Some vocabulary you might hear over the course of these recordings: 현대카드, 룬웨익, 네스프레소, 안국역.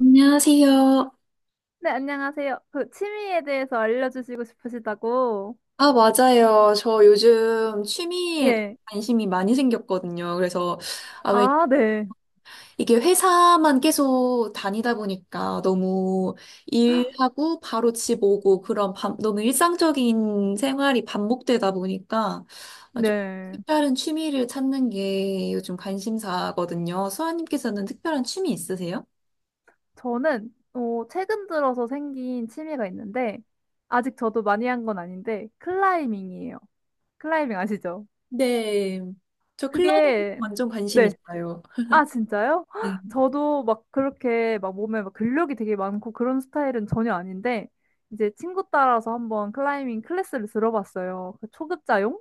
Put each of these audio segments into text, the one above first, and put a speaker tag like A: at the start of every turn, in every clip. A: 안녕하세요.
B: 네, 안녕하세요. 그 취미에 대해서 알려주시고 싶으시다고.
A: 아, 맞아요. 저 요즘 취미에
B: 예.
A: 관심이 많이 생겼거든요. 그래서, 아, 왜,
B: 아, 네.
A: 이게 회사만 계속 다니다 보니까 너무 일하고 바로 집 오고 너무 일상적인 생활이 반복되다 보니까 아, 좀
B: 네.
A: 특별한 취미를 찾는 게 요즘 관심사거든요. 수아님께서는 특별한 취미 있으세요?
B: 저는 최근 들어서 생긴 취미가 있는데 아직 저도 많이 한 건 아닌데 클라이밍이에요. 클라이밍 아시죠?
A: 네. 저 클라이밍
B: 그게
A: 완전 관심
B: 네.
A: 있어요.
B: 아, 진짜요? 헉, 저도 막 그렇게 막 몸에 막 근력이 되게 많고 그런 스타일은 전혀 아닌데 이제 친구 따라서 한번 클라이밍 클래스를 들어봤어요. 그 초급자용?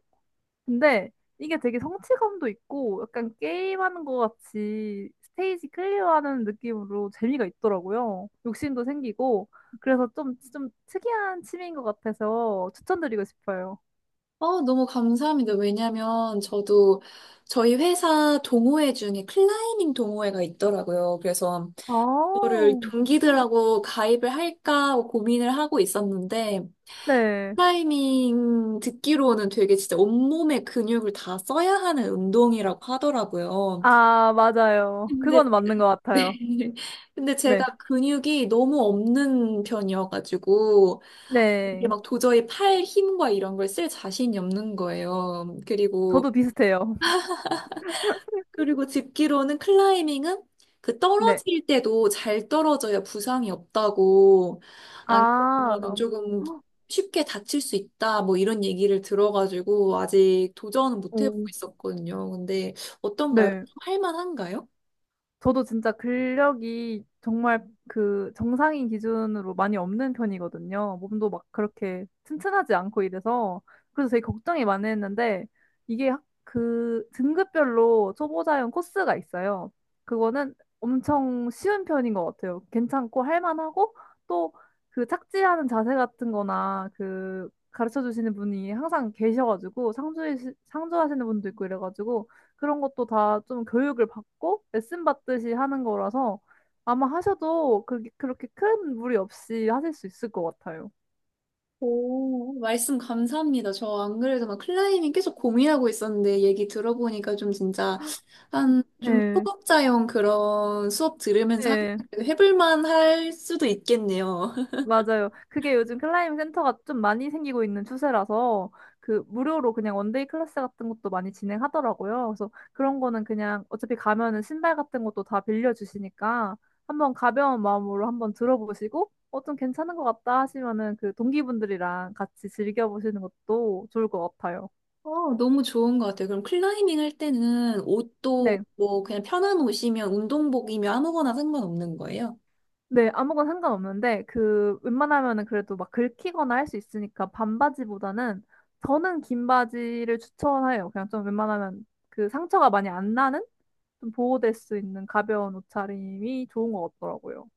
B: 근데 이게 되게 성취감도 있고 약간 게임하는 것 같이 스테이지 클리어하는 느낌으로 재미가 있더라고요. 욕심도 생기고 그래서 좀 특이한 취미인 것 같아서 추천드리고 싶어요.
A: 어, 너무 감사합니다. 왜냐면 저도 저희 회사 동호회 중에 클라이밍 동호회가 있더라고요. 그래서
B: 아,
A: 그거를
B: 어,
A: 동기들하고 가입을 할까 하고 고민을 하고 있었는데
B: 네.
A: 클라이밍 듣기로는 되게 진짜 온몸의 근육을 다 써야 하는 운동이라고 하더라고요.
B: 아, 맞아요.
A: 근데
B: 그건 맞는 것 같아요.
A: 네. 근데
B: 네.
A: 제가 근육이 너무 없는 편이어가지고 이게
B: 네.
A: 막 도저히 팔 힘과 이런 걸 쓸 자신이 없는 거예요. 그리고
B: 저도 비슷해요.
A: 그리고 듣기로는 클라이밍은 그
B: 네.
A: 떨어질 때도 잘 떨어져야 부상이 없다고 안 그러면
B: 아,
A: 조금 쉽게 다칠 수 있다 뭐 이런 얘기를 들어가지고 아직 도전은 못 해보고
B: 오.
A: 있었거든요. 근데 어떤가요?
B: 네.
A: 좀 할만한가요?
B: 저도 진짜 근력이 정말 그 정상인 기준으로 많이 없는 편이거든요. 몸도 막 그렇게 튼튼하지 않고 이래서. 그래서 되게 걱정이 많이 했는데, 이게 그 등급별로 초보자용 코스가 있어요. 그거는 엄청 쉬운 편인 것 같아요. 괜찮고 할만하고, 또 그 착지하는 자세 같은 거나 그 가르쳐 주시는 분이 항상 계셔가지고, 상주하시는 분도 있고 이래가지고, 그런 것도 다 좀 교육을 받고 레슨 받듯이 하는 거라서 아마 하셔도 그, 그렇게 큰 무리 없이 하실 수 있을 것 같아요.
A: 오, 말씀 감사합니다. 저 안 그래도 막 클라이밍 계속 고민하고 있었는데 얘기 들어보니까 좀 진짜 한 좀
B: 네.
A: 초급자용 그런 수업 들으면서 하-
B: 네.
A: 해볼 만할 수도 있겠네요.
B: 맞아요. 그게 요즘 클라이밍 센터가 좀 많이 생기고 있는 추세라서 그 무료로 그냥 원데이 클래스 같은 것도 많이 진행하더라고요. 그래서 그런 거는 그냥 어차피 가면은 신발 같은 것도 다 빌려주시니까 한번 가벼운 마음으로 한번 들어보시고 좀 괜찮은 것 같다 하시면은 그 동기분들이랑 같이 즐겨보시는 것도 좋을 것 같아요.
A: 어, 너무 좋은 것 같아요. 그럼 클라이밍 할 때는 옷도
B: 네.
A: 뭐 그냥 편한 옷이면 운동복이면 아무거나 상관없는 거예요?
B: 네, 아무거나 상관없는데, 그, 웬만하면은 그래도 막 긁히거나 할 수 있으니까 반바지보다는 저는 긴 바지를 추천해요. 그냥 좀 웬만하면 그 상처가 많이 안 나는? 좀 보호될 수 있는 가벼운 옷차림이 좋은 것 같더라고요.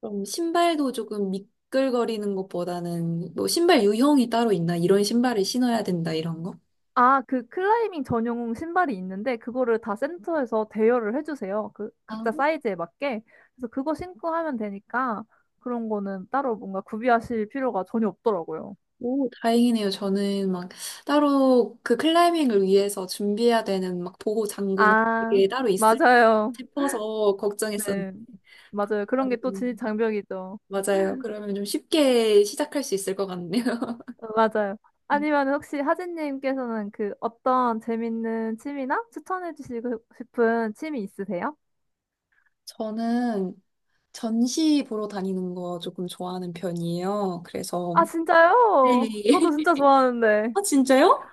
A: 그럼 신발도 조금 미끌거리는 것보다는 뭐 신발 유형이 따로 있나? 이런 신발을 신어야 된다, 이런 거?
B: 아, 그 클라이밍 전용 신발이 있는데, 그거를 다 센터에서 대여를 해주세요. 그,
A: 아,
B: 각자 사이즈에 맞게. 그래서 그거 신고 하면 되니까 그런 거는 따로 뭔가 구비하실 필요가 전혀 없더라고요.
A: 오, 다행이네요. 저는 막 따로 그 클라이밍을 위해서 준비해야 되는 막 보호 장구나
B: 아,
A: 이게 따로 있을
B: 맞아요.
A: 싶어서 걱정했었는데.
B: 네, 맞아요. 그런 게 또 진입
A: 음,
B: 장벽이죠.
A: 맞아요. 그러면 좀 쉽게 시작할 수 있을 것 같네요.
B: 어, 맞아요. 아니면 혹시 하진님께서는 그 어떤 재밌는 취미나 추천해 주시고 싶은 취미 있으세요?
A: 저는 전시 보러 다니는 거 조금 좋아하는 편이에요. 그래서,
B: 아,
A: 네.
B: 진짜요? 저도 진짜 좋아하는데.
A: 아, 진짜요?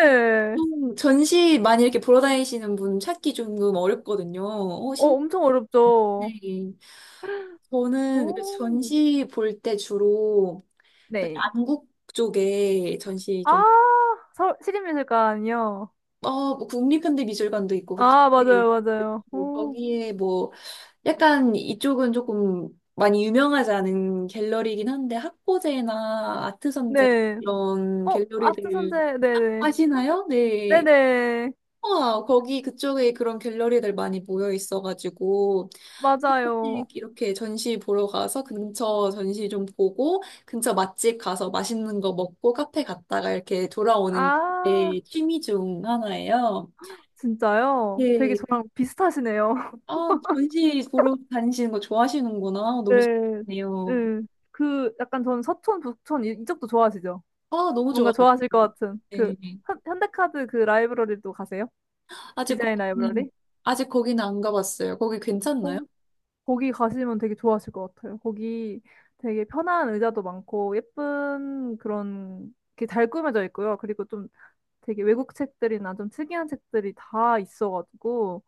A: 어, 좀 전시 많이 이렇게 보러 다니시는 분 찾기 조금 어렵거든요. 어,
B: 어,
A: 신...
B: 엄청 어렵죠.
A: 네. 저는 그
B: 오.
A: 전시 볼 때 주로
B: 네.
A: 안국 쪽에 전시 좀,
B: 아, 시립미술관이요.
A: 어, 뭐 국립현대미술관도 있고,
B: 아,
A: 네.
B: 맞아요, 맞아요.
A: 뭐
B: 오.
A: 거기에 뭐 약간 이쪽은 조금 많이 유명하지 않은 갤러리이긴 한데 학고제나 아트선제
B: 네.
A: 이런
B: 어, 아트
A: 갤러리들
B: 선재, 네네.
A: 아시나요? 네.
B: 네네.
A: 와, 거기 그쪽에 그런 갤러리들 많이 모여 있어가지고 한
B: 맞아요.
A: 번씩 이렇게 전시 보러 가서 근처 전시 좀 보고 근처 맛집 가서 맛있는 거 먹고 카페 갔다가 이렇게 돌아오는
B: 아.
A: 게 취미 중 하나예요.
B: 진짜요? 되게
A: 네.
B: 저랑 비슷하시네요.
A: 아, 전시 보러 다니시는 거 좋아하시는구나. 너무
B: 네.
A: 신기하네요.
B: 네. 그 약간 저는 서촌, 북촌 이, 이쪽도 좋아하시죠?
A: 아, 너무
B: 뭔가
A: 좋아가지고.
B: 좋아하실 것 같은 그
A: 네.
B: 현대카드 그 라이브러리도 가세요?
A: 아직
B: 디자인 라이브러리?
A: 거기는, 아직 거기는 안 가봤어요. 거기 괜찮나요?
B: 거, 거기 가시면 되게 좋아하실 것 같아요. 거기 되게 편한 의자도 많고 예쁜 그런 게 잘 꾸며져 있고요. 그리고 좀 되게 외국 책들이나 좀 특이한 책들이 다 있어가지고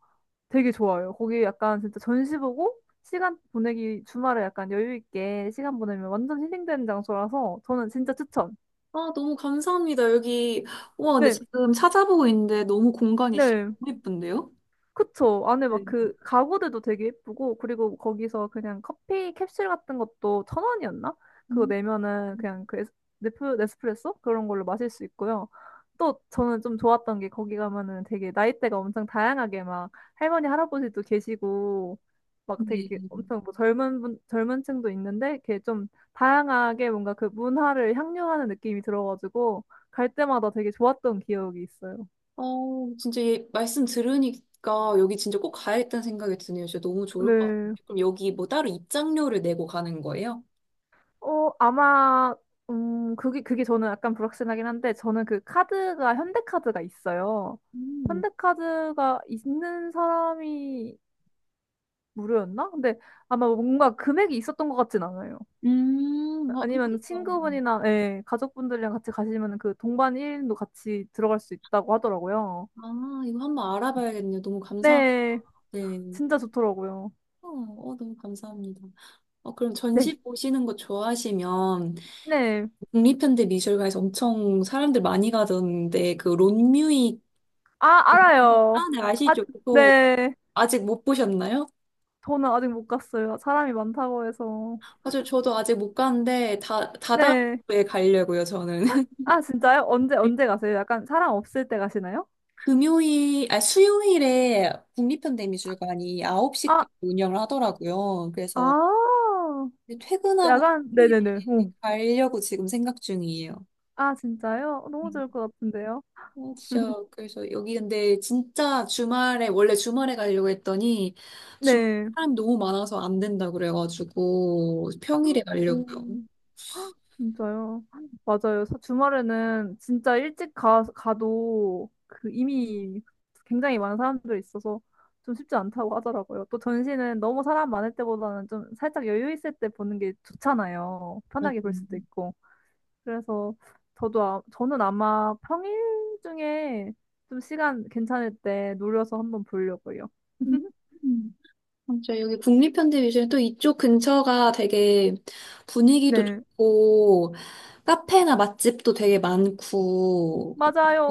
B: 되게 좋아요. 거기 약간 진짜 전시 보고 시간 보내기 주말에 약간 여유 있게 시간 보내면 완전 힐링되는 장소라서 저는 진짜 추천.
A: 아, 너무 감사합니다. 여기, 와, 근데
B: 네,
A: 지금 찾아보고 있는데 너무 공간이 진짜
B: 네.
A: 너무 예쁜데요?
B: 그쵸. 안에 막
A: 네.
B: 그 가구들도 되게 예쁘고, 그리고 거기서 그냥 커피 캡슐 같은 것도 천 원이었나? 그거
A: 음,
B: 내면은 그냥 그 네스프레소? 그런 걸로 마실 수 있고요. 또 저는 좀 좋았던 게 거기 가면은 되게 나이대가 엄청 다양하게 막 할머니, 할아버지도 계시고, 막 되게 이렇게
A: 네.
B: 엄청 뭐 젊은 분, 젊은 층도 있는데, 이렇게 좀 다양하게 뭔가 그 문화를 향유하는 느낌이 들어가지고, 갈 때마다 되게 좋았던 기억이 있어요.
A: 어, 진짜 얘 말씀 들으니까 여기 진짜 꼭 가야겠다는 생각이 드네요. 진짜 너무 좋을 것 같아요.
B: 네.
A: 그럼 여기 뭐 따로 입장료를 내고 가는 거예요?
B: 어, 아마, 그게, 그게 저는 약간 불확실하긴 한데, 저는 그 카드가, 현대카드가 있어요.
A: 음,
B: 현대카드가 있는 사람이 무료였나? 근데 아마 뭔가 금액이 있었던 것 같진 않아요.
A: 어, 한번
B: 아니면
A: 이거,
B: 친구분이나, 예, 가족분들이랑 같이 가시면 그 동반 1인도 같이 들어갈 수 있다고 하더라고요.
A: 아, 이거 한번 알아봐야겠네요. 너무 감사합니다.
B: 네,
A: 네.
B: 진짜 좋더라고요.
A: 어, 어, 너무 감사합니다. 어, 그럼
B: 네,
A: 전시 보시는 거 좋아하시면
B: 네.
A: 국립현대 미술관에서 엄청 사람들 많이 가던데 그 론뮤이
B: 아,
A: 아,
B: 알아요.
A: 네,
B: 아,
A: 아시죠? 그거
B: 네.
A: 아직 못 보셨나요?
B: 저는 아직 못 갔어요. 사람이 많다고 해서.
A: 맞아요. 저도 아직 못 갔는데 다
B: 네.
A: 다다음에 가려고요, 저는.
B: 아, 진짜요? 언제 가세요? 약간 사람 없을 때 가시나요?
A: 금요일, 아, 수요일에 국립현대미술관이
B: 아,
A: 9시까지 운영을 하더라고요. 그래서
B: 아,
A: 퇴근하고
B: 약간,
A: 수요일에
B: 네네네. 오.
A: 가려고 지금 생각 중이에요.
B: 아, 진짜요? 어, 너무 좋을 것 같은데요?
A: 어, 진짜 그래서 여기 근데 진짜 주말에 원래 주말에 가려고 했더니 주말
B: 네.
A: 사람 너무 많아서 안 된다 그래가지고 평일에 가려고요.
B: 오, 진짜요? 맞아요. 주말에는 진짜 일찍 가도 그 이미 굉장히 많은 사람들이 있어서 좀 쉽지 않다고 하더라고요. 또 전시는 너무 사람 많을 때보다는 좀 살짝 여유 있을 때 보는 게 좋잖아요.
A: 맞아요.
B: 편하게 볼 수도 있고. 그래서 저도 아, 저는 아마 평일 중에 좀 시간 괜찮을 때 노려서 한번 보려고요.
A: 음. 맞아요. 여기 국립현대미술은 또 이쪽 근처가 되게 분위기도
B: 네,
A: 좋고, 카페나 맛집도 되게 많고,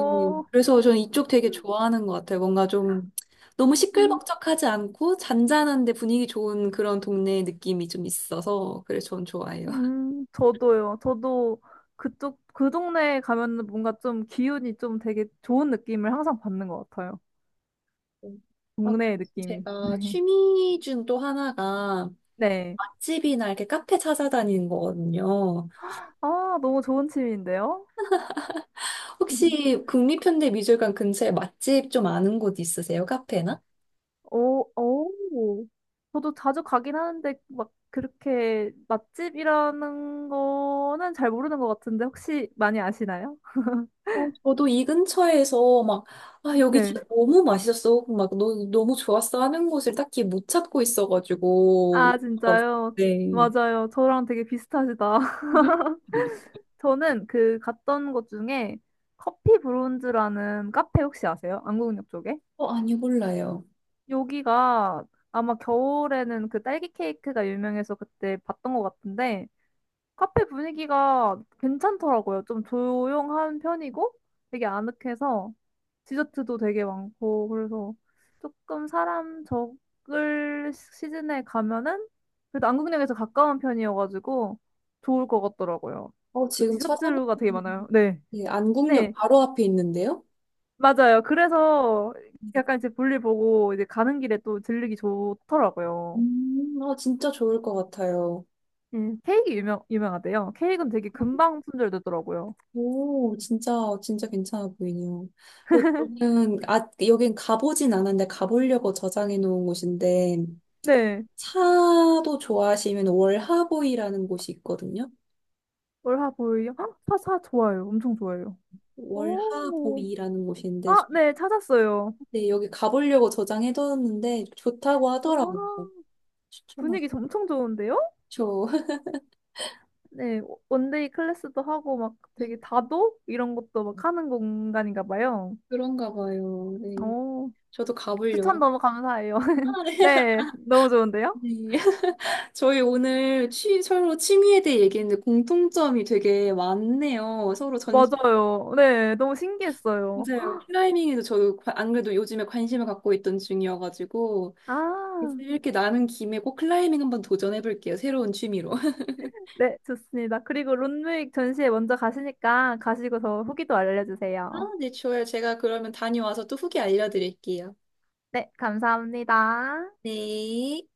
A: 그래서 저는 이쪽 되게 좋아하는 것 같아요. 뭔가 좀 너무
B: 음,
A: 시끌벅적하지 않고 잔잔한데 분위기 좋은 그런 동네 느낌이 좀 있어서, 그래서 저는 좋아해요.
B: 저도요. 저도 그쪽 그 동네에 가면 뭔가 좀 기운이 좀 되게 좋은 느낌을 항상 받는 것 같아요.
A: 음. 아,
B: 동네의
A: 그리고
B: 느낌이.
A: 제가 취미 중 또 하나가
B: 네.
A: 맛집이나 이렇게 카페 찾아다니는 거거든요.
B: 아, 너무 좋은 취미인데요.
A: 혹시 국립현대미술관 근처에 맛집 좀 아는 곳 있으세요? 카페나?
B: 오, 오. 저도 자주 가긴 하는데, 막, 그렇게 맛집이라는 거는 잘 모르는 것 같은데, 혹시 많이 아시나요?
A: 어, 저도 이 근처에서 막, 아, 여기
B: 네.
A: 진짜 너무 맛있었어. 막, 너무 좋았어 하는 곳을 딱히 못 찾고 있어가지고.
B: 아, 진짜요?
A: 네.
B: 맞아요. 저랑 되게 비슷하시다. 저는 그 갔던 곳 중에 커피 브론즈라는 카페 혹시 아세요? 안국역 쪽에?
A: 어, 아니, 몰라요.
B: 여기가 아마 겨울에는 그 딸기 케이크가 유명해서 그때 봤던 것 같은데, 카페 분위기가 괜찮더라고요. 좀 조용한 편이고 되게 아늑해서 디저트도 되게 많고 그래서 조금 사람 적을 시즌에 가면은 그래도 안국역에서 가까운 편이어가지고 좋을 것 같더라고요.
A: 어,
B: 그
A: 지금
B: 디저트류가 되게
A: 찾아봤는데,
B: 많아요. 네.
A: 네, 안국역
B: 네.
A: 바로 앞에 있는데요?
B: 맞아요. 그래서 약간 이제 볼일 보고 이제 가는 길에 또 들르기 좋더라고요.
A: 아, 진짜 좋을 것 같아요.
B: 케이크 유명하대요. 케이크는 되게 금방 품절되더라고요.
A: 오, 진짜, 진짜 괜찮아 보이네요. 그, 저는, 아, 여긴 가보진 않았는데, 가보려고 저장해 놓은 곳인데,
B: 네.
A: 차도 좋아하시면 월하보이라는 곳이 있거든요.
B: 월화보일요? 아, 사사 좋아요. 엄청 좋아요. 오,
A: 월하보이라는 곳인데,
B: 아, 네, 찾았어요.
A: 네, 여기 가보려고 저장해 뒀는데, 좋다고 하더라고요.
B: 와,
A: 추천하죠.
B: 분위기 엄청 좋은데요? 네, 원데이 클래스도 하고 막
A: 네,
B: 되게 다도 이런 것도 막 하는 공간인가 봐요.
A: 그런가 봐요. 네.
B: 오,
A: 저도
B: 추천
A: 가보려고.
B: 너무 감사해요.
A: 아, 네.
B: 네, 너무 좋은데요?
A: 네. 저희 오늘 서로 취미에 대해 얘기했는데 공통점이 되게 많네요. 서로 전
B: 맞아요. 네, 너무 신기했어요.
A: 맞아요. 클라이밍에도 안 그래도 요즘에 관심을 갖고 있던 중이어가지고
B: 아,
A: 이렇게 나는 김에 꼭 클라이밍 한번 도전해볼게요. 새로운 취미로.
B: 네, 좋습니다. 그리고 룬웨익 전시회 먼저 가시니까 가시고서 후기도
A: 아,
B: 알려주세요.
A: 네, 좋아요. 제가 그러면 다녀와서 또 후기 알려드릴게요.
B: 네, 감사합니다.
A: 네.